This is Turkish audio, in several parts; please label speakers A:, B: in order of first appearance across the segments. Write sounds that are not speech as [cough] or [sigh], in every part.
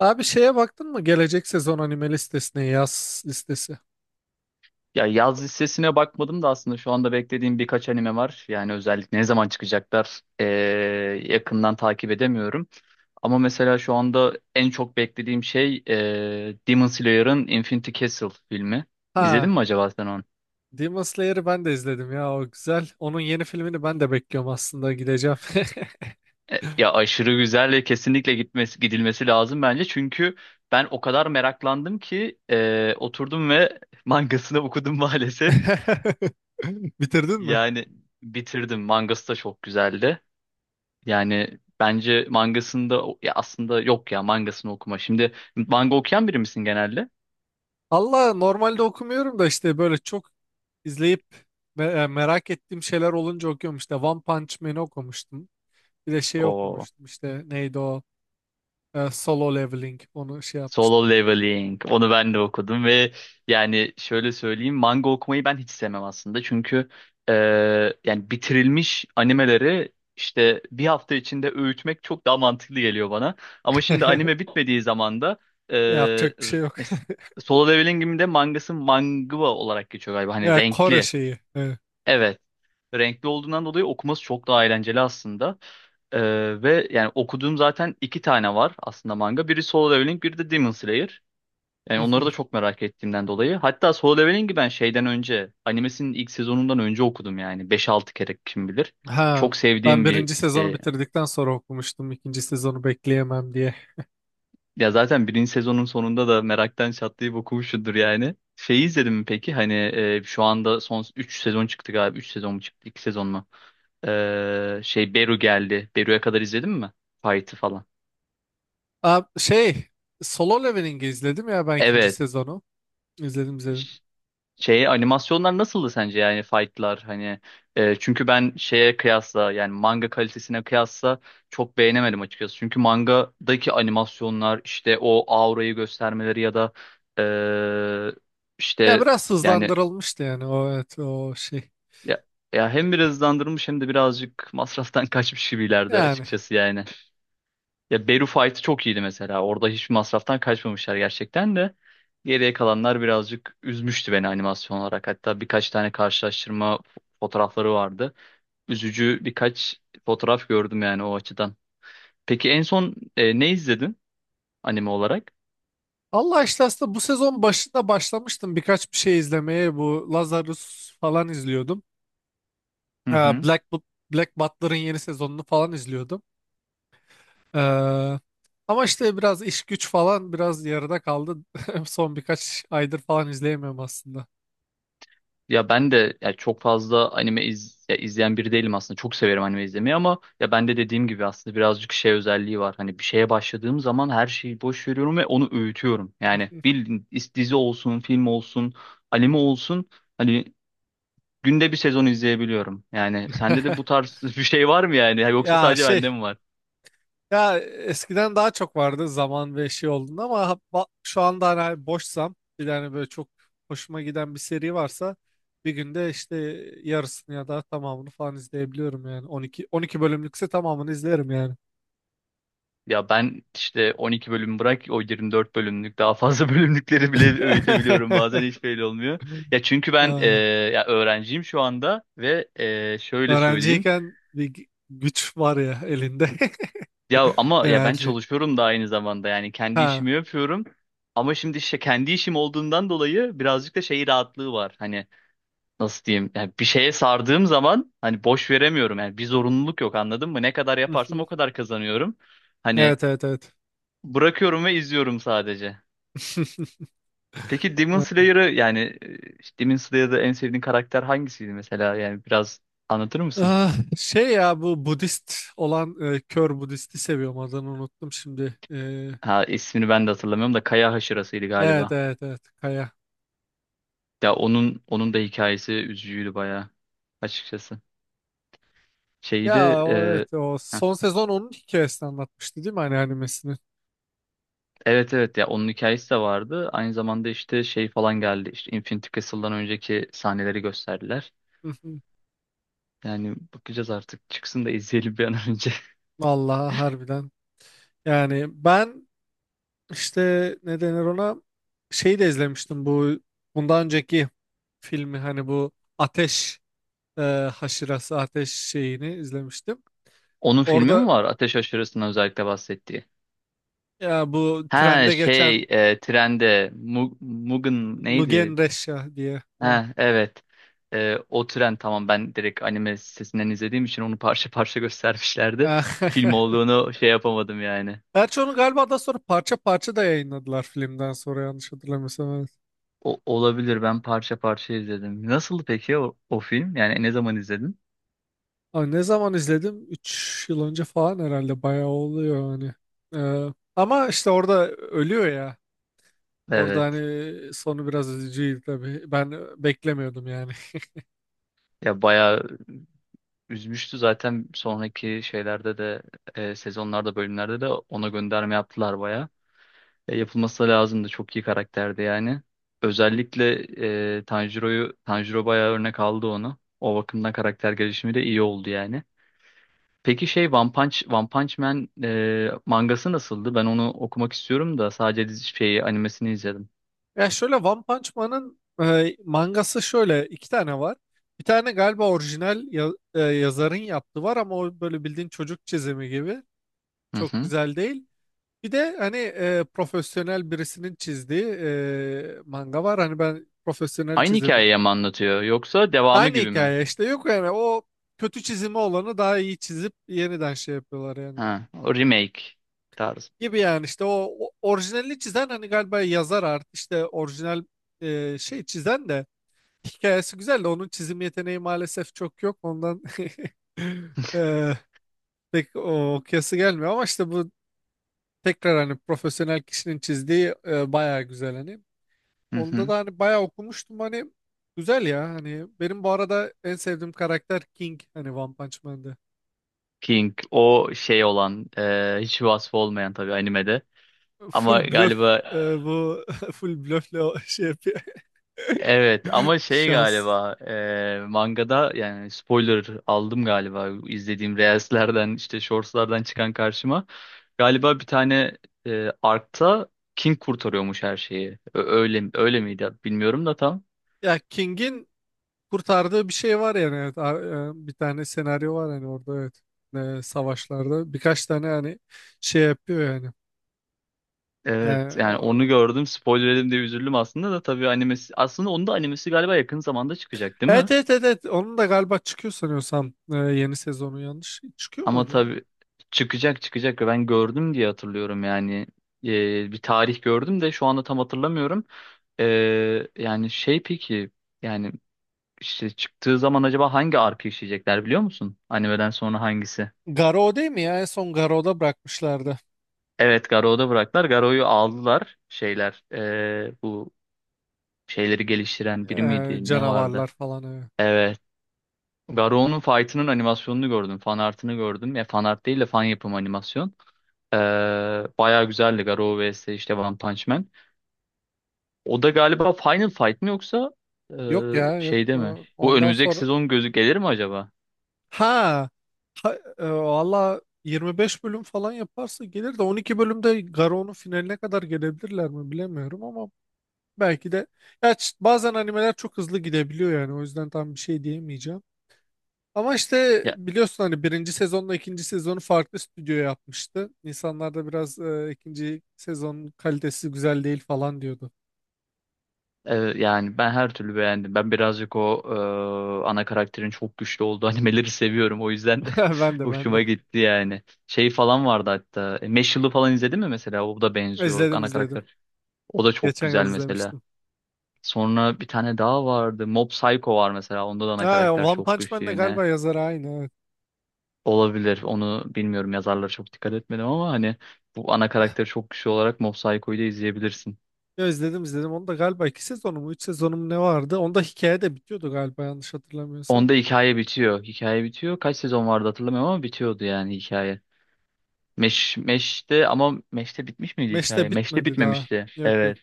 A: Abi şeye baktın mı? Gelecek sezon anime listesine yaz listesi.
B: Ya yaz listesine bakmadım da aslında şu anda beklediğim birkaç anime var. Yani özellikle ne zaman çıkacaklar yakından takip edemiyorum. Ama mesela şu anda en çok beklediğim şey Demon Slayer'ın Infinity Castle filmi. İzledin
A: Ha,
B: mi acaba sen onu?
A: Demon Slayer'ı ben de izledim ya o güzel. Onun yeni filmini ben de bekliyorum aslında gideceğim.
B: Ya aşırı güzel ve kesinlikle gitmesi, gidilmesi lazım bence. Çünkü ben o kadar meraklandım ki oturdum ve [laughs] mangasını okudum maalesef.
A: [laughs] Bitirdin mi?
B: Yani bitirdim. Mangası da çok güzeldi. Yani bence mangasında ya aslında yok ya mangasını okuma. Şimdi manga okuyan biri misin genelde?
A: Allah normalde okumuyorum da işte böyle çok izleyip merak ettiğim şeyler olunca okuyorum, işte One Punch Man'i okumuştum. Bir de şey
B: O
A: okumuştum, işte neydi o Solo Leveling, onu şey
B: Solo
A: yapmıştım.
B: Leveling. Onu ben de okudum ve yani şöyle söyleyeyim, manga okumayı ben hiç sevmem aslında. Çünkü e, yani bitirilmiş animeleri işte bir hafta içinde öğütmek çok daha mantıklı geliyor bana. Ama şimdi anime
A: [laughs]
B: bitmediği zaman da e,
A: Yapacak bir
B: r-
A: şey yok.
B: mes- Solo Leveling'in de mangası manga olarak geçiyor galiba. Hani
A: Ya Kore
B: renkli.
A: şeyi. Evet.
B: Evet. Renkli olduğundan dolayı okuması çok daha eğlenceli aslında. Ve yani okuduğum zaten iki tane var aslında manga. Biri Solo Leveling, biri de Demon Slayer. Yani onları da
A: [laughs]
B: çok merak ettiğimden dolayı. Hatta Solo Leveling'i ben şeyden önce, animesinin ilk sezonundan önce okudum yani. Beş altı kere kim bilir.
A: Ha,
B: Çok
A: ben
B: sevdiğim bir...
A: birinci sezonu
B: e,
A: bitirdikten sonra okumuştum. İkinci sezonu bekleyemem diye.
B: Ya zaten birinci sezonun sonunda da meraktan çatlayıp okumuşsundur yani. Şeyi izledin mi peki? Hani şu anda son 3 sezon çıktı galiba. Üç sezon mu çıktı? İki sezon mu? Şey Beru geldi. Beru'ya kadar izledin mi? Fight'ı falan.
A: Aa, şey, Solo Leveling'i izledim ya, ben ikinci
B: Evet.
A: sezonu. İzledim izledim.
B: Ş- Şey animasyonlar nasıldı sence, yani fight'lar hani çünkü ben şeye kıyasla, yani manga kalitesine kıyasla çok beğenemedim açıkçası. Çünkü mangadaki animasyonlar işte o aurayı göstermeleri ya da e,
A: Ya
B: işte
A: biraz
B: yani,
A: hızlandırılmıştı, yani o evet o şey.
B: Ya, ya hem biraz hızlandırmış hem de birazcık masraftan [laughs] kaçmış gibilerdi
A: Yani
B: açıkçası yani. Ya Beru Fight'ı çok iyiydi mesela. Orada hiçbir masraftan kaçmamışlar gerçekten de. Geriye kalanlar birazcık üzmüştü beni animasyon olarak. Hatta birkaç tane karşılaştırma fotoğrafları vardı. Üzücü birkaç fotoğraf gördüm yani o açıdan. Peki en son ne izledin anime olarak?
A: Allah işte aslında bu sezon başında başlamıştım birkaç bir şey izlemeye. Bu Lazarus falan izliyordum.
B: Hı hı.
A: Black, Black Butler'ın yeni sezonunu falan izliyordum. Ee, ama işte biraz iş güç falan biraz yarıda kaldı. [laughs] Son birkaç aydır falan izleyemiyorum aslında.
B: Ya ben de, ya çok fazla anime ya izleyen biri değilim aslında. Çok severim anime izlemeyi ama ya ben de dediğim gibi aslında birazcık şey özelliği var. Hani bir şeye başladığım zaman her şeyi boş veriyorum ve onu öğütüyorum. Yani bildiğin dizi olsun, film olsun, anime olsun, hani günde bir sezon izleyebiliyorum. Yani sende de bu
A: [laughs]
B: tarz [laughs] bir şey var mı yani? Yoksa
A: Ya
B: sadece
A: şey,
B: bende mi var?
A: ya eskiden daha çok vardı zaman ve şey olduğunda, ama şu anda hani boşsam bir tane böyle çok hoşuma giden bir seri varsa bir günde işte yarısını ya da tamamını falan izleyebiliyorum, yani 12 bölümlükse tamamını izlerim yani.
B: Ya ben işte 12 bölüm bırak, o 24 bölümlük daha fazla [laughs] bölümlükleri bile öğütebiliyorum, bazen
A: [laughs]
B: hiç belli olmuyor. Ya çünkü ben
A: Ha,
B: ya öğrenciyim şu anda ve şöyle söyleyeyim.
A: Öğrenciyken güç var ya elinde, [laughs]
B: Ya ama ya ben
A: enerji.
B: çalışıyorum da aynı zamanda, yani kendi
A: Ha.
B: işimi yapıyorum. Ama şimdi işte kendi işim olduğundan dolayı birazcık da şey rahatlığı var. Hani nasıl diyeyim? Yani bir şeye sardığım zaman hani boş veremiyorum. Yani bir zorunluluk yok, anladın mı? Ne kadar yaparsam o
A: [laughs]
B: kadar kazanıyorum. Hani
A: Evet, evet, evet.
B: bırakıyorum ve izliyorum sadece. Peki Demon
A: [laughs]
B: Slayer'ı yani işte Demon Slayer'da en sevdiğin karakter hangisiydi mesela? Yani biraz anlatır mısın?
A: Ah, şey, ya bu Budist olan, kör Budist'i seviyorum, adını unuttum şimdi.
B: Ha, ismini ben de hatırlamıyorum da Kaya Haşırası'ydı
A: Evet,
B: galiba.
A: evet, evet, Kaya.
B: Ya onun, onun da hikayesi üzücüydü bayağı açıkçası. Şeyi de
A: Ya o evet, o
B: heh,
A: son sezon onun hikayesini anlatmıştı değil mi, hani animesini?
B: evet evet, ya onun hikayesi de vardı. Aynı zamanda işte şey falan geldi. İşte Infinity Castle'dan önceki sahneleri gösterdiler.
A: Hı hı.
B: Yani bakacağız artık. Çıksın da izleyelim bir an önce.
A: Vallahi
B: [laughs]
A: harbiden. Yani ben işte, ne denir ona, şeyi de izlemiştim, bu bundan önceki filmi, hani bu ateş, e, haşırası, ateş şeyini izlemiştim.
B: Onun filmi
A: Orada,
B: mi var? Ateş Aşırısı'ndan özellikle bahsettiği.
A: ya bu
B: Ha
A: trende geçen
B: şey trende Mugen
A: Mugen
B: neydi?
A: Resha diye. Evet.
B: Ha evet. O tren, tamam, ben direkt anime sitesinden izlediğim için onu parça [laughs] parça göstermişlerdi.
A: Eh,
B: Film
A: [laughs]
B: olduğunu şey yapamadım yani.
A: Gerçi onu galiba daha sonra parça parça da yayınladılar filmden sonra, yanlış hatırlamıyorsam. Evet.
B: O, olabilir, ben parça parça izledim. Nasıldı peki o, o film? Yani ne zaman izledin?
A: Ay, ne zaman izledim? 3 yıl önce falan herhalde, bayağı oluyor hani. Ee, ama işte orada ölüyor ya. Orada
B: Evet.
A: hani sonu biraz üzücüydü tabii. Ben beklemiyordum yani. [laughs]
B: Ya bayağı üzmüştü zaten, sonraki şeylerde de sezonlarda, bölümlerde de ona gönderme yaptılar. Yapılması da lazımdı. Çok iyi karakterdi yani. Özellikle Tanjiro bayağı örnek aldı onu. O bakımdan karakter gelişimi de iyi oldu yani. Peki şey, One Punch Man mangası nasıldı? Ben onu okumak istiyorum da sadece dizi şeyi, animesini izledim.
A: Ya şöyle, One Punch Man'ın mangası şöyle, iki tane var. Bir tane galiba orijinal yazarın yaptığı var, ama o böyle bildiğin çocuk çizimi gibi.
B: Hı
A: Çok
B: hı.
A: güzel değil. Bir de hani profesyonel birisinin çizdiği manga var. Hani ben profesyonel
B: Aynı
A: çizimi.
B: hikayeyi mi anlatıyor yoksa devamı
A: Aynı
B: gibi mi?
A: hikaye işte, yok yani o kötü çizimi olanı daha iyi çizip yeniden şey yapıyorlar yani.
B: Ha, o remake tarzı.
A: Gibi yani, işte o, o orijinalini çizen hani galiba yazar artık, işte orijinal şey çizen de hikayesi güzel de, onun çizim yeteneği maalesef çok yok. Ondan [laughs] e, pek o kıyası gelmiyor, ama işte bu tekrar hani profesyonel kişinin çizdiği bayağı güzel hani.
B: Hı
A: Onda
B: hı.
A: da hani bayağı okumuştum hani, güzel ya. Hani benim bu arada en sevdiğim karakter King, hani One Punch Man'de.
B: King o şey olan hiç vasfı olmayan tabii animede. Ama
A: Full bluff,
B: galiba
A: bu [laughs] full bluffle o şey yapıyor.
B: Evet, ama
A: [laughs]
B: şey
A: Şans.
B: galiba mangada, yani spoiler aldım galiba izlediğim reelslerden, işte shortslardan çıkan karşıma. Galiba bir tane Ark'ta King kurtarıyormuş her şeyi. Öyle, öyle miydi bilmiyorum da tam.
A: Ya King'in kurtardığı bir şey var yani, evet. Bir tane senaryo var yani orada, evet. Savaşlarda birkaç tane hani şey yapıyor yani. E,
B: Evet,
A: o...
B: yani onu gördüm, spoiler yedim diye üzüldüm aslında, da tabii animesi, aslında onun da animesi galiba yakın zamanda çıkacak değil
A: Evet,
B: mi?
A: evet, evet, evet. Onun da galiba çıkıyor sanıyorsam, yeni sezonu yanlış. Çıkıyor
B: Ama
A: muydu ya?
B: tabii çıkacak çıkacak ve ben gördüm diye hatırlıyorum yani. Bir tarih gördüm de şu anda tam hatırlamıyorum. Yani şey peki, yani işte çıktığı zaman acaba hangi arka işleyecekler biliyor musun? Animeden sonra hangisi?
A: Garo değil mi ya? En son Garo'da bırakmışlardı.
B: Evet, Garou'da bıraktılar. Garou'yu aldılar, şeyler bu şeyleri geliştiren biri miydi, ne vardı?
A: Canavarlar falan. Evet.
B: Evet. Garou'nun fight'ının animasyonunu gördüm. Fan art'ını gördüm. Ya fan art değil de fan yapım animasyon. Ee, Bayağı güzeldi Garou vs işte One Punch Man. O da galiba Final Fight mi yoksa e,
A: Yok ya, yok.
B: şeyde mi? Bu
A: Ondan
B: önümüzdeki
A: sonra
B: sezon gözü gelir mi acaba?
A: ha, valla 25 bölüm falan yaparsa gelir, de 12 bölümde Garo'nun finaline kadar gelebilirler mi bilemiyorum, ama belki de, bazen animeler çok hızlı gidebiliyor, yani o yüzden tam bir şey diyemeyeceğim. Ama işte
B: Ya,
A: biliyorsun hani birinci sezonla ikinci sezonu farklı stüdyo yapmıştı. İnsanlar da biraz ikinci sezonun kalitesi güzel değil falan diyordu.
B: yani ben her türlü beğendim. Ben birazcık o ana karakterin çok güçlü olduğu [laughs] animeleri seviyorum. O yüzden de
A: [laughs] Ben
B: [laughs]
A: de, ben de.
B: hoşuma gitti yani. Şey falan vardı hatta. Meshul'u falan izledin mi mesela? O da benziyor
A: İzledim
B: ana
A: izledim.
B: karakter. O da çok
A: Geçen yıl
B: güzel mesela.
A: izlemiştim.
B: Sonra bir tane daha vardı. Mob Psycho var mesela. Onda da ana
A: Ha,
B: karakter
A: One
B: çok
A: Punch Man
B: güçlü
A: de
B: yine.
A: galiba yazarı aynı. Evet.
B: Olabilir. Onu bilmiyorum. Yazarlara çok dikkat etmedim ama hani bu ana karakteri çok güçlü olarak Mob Psycho'yu da izleyebilirsin.
A: Ya izledim izledim. Onu da galiba iki sezonu mu üç sezonu mu ne vardı? Onda hikaye de bitiyordu galiba, yanlış
B: Onda
A: hatırlamıyorsam.
B: hikaye bitiyor. Hikaye bitiyor. Kaç sezon vardı hatırlamıyorum ama bitiyordu yani hikaye. Meş'te, ama Meş'te bitmiş miydi
A: Mesh
B: hikaye?
A: de
B: Meş'te
A: bitmedi daha.
B: bitmemişti.
A: Yok yok.
B: Evet.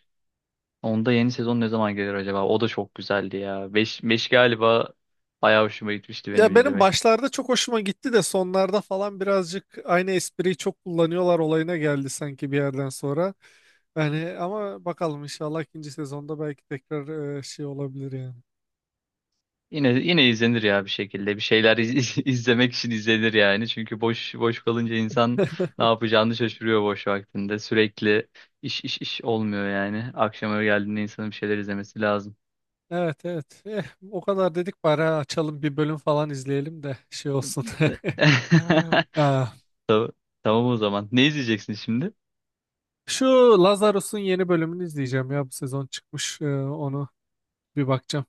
B: Onda yeni sezon ne zaman gelir acaba? O da çok güzeldi ya. Meş galiba bayağı hoşuma gitmişti benim
A: Ya benim
B: izlemek.
A: başlarda çok hoşuma gitti de, sonlarda falan birazcık aynı espriyi çok kullanıyorlar olayına geldi sanki bir yerden sonra. Yani, ama bakalım, inşallah ikinci sezonda belki tekrar şey olabilir yani.
B: Yine yine izlenir ya bir şekilde. Bir şeyler [laughs] izlemek için izlenir yani. Çünkü boş boş kalınca insan
A: [laughs]
B: ne yapacağını şaşırıyor boş vaktinde. Sürekli iş iş iş olmuyor yani. Akşama geldiğinde insanın bir şeyler izlemesi lazım.
A: Evet, evet. Eh, o kadar dedik bari ha, açalım bir bölüm falan izleyelim de şey olsun.
B: De-
A: [laughs]
B: [laughs]
A: Ah,
B: Tamam, tamam o zaman. Ne izleyeceksin şimdi?
A: Şu Lazarus'un yeni bölümünü izleyeceğim ya, bu sezon çıkmış. Onu bir bakacağım.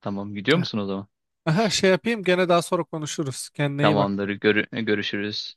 B: Tamam, gidiyor
A: Eh.
B: musun o zaman?
A: Aha, şey yapayım, gene daha sonra konuşuruz. Kendine iyi bak.
B: Tamamdır. Görüşürüz.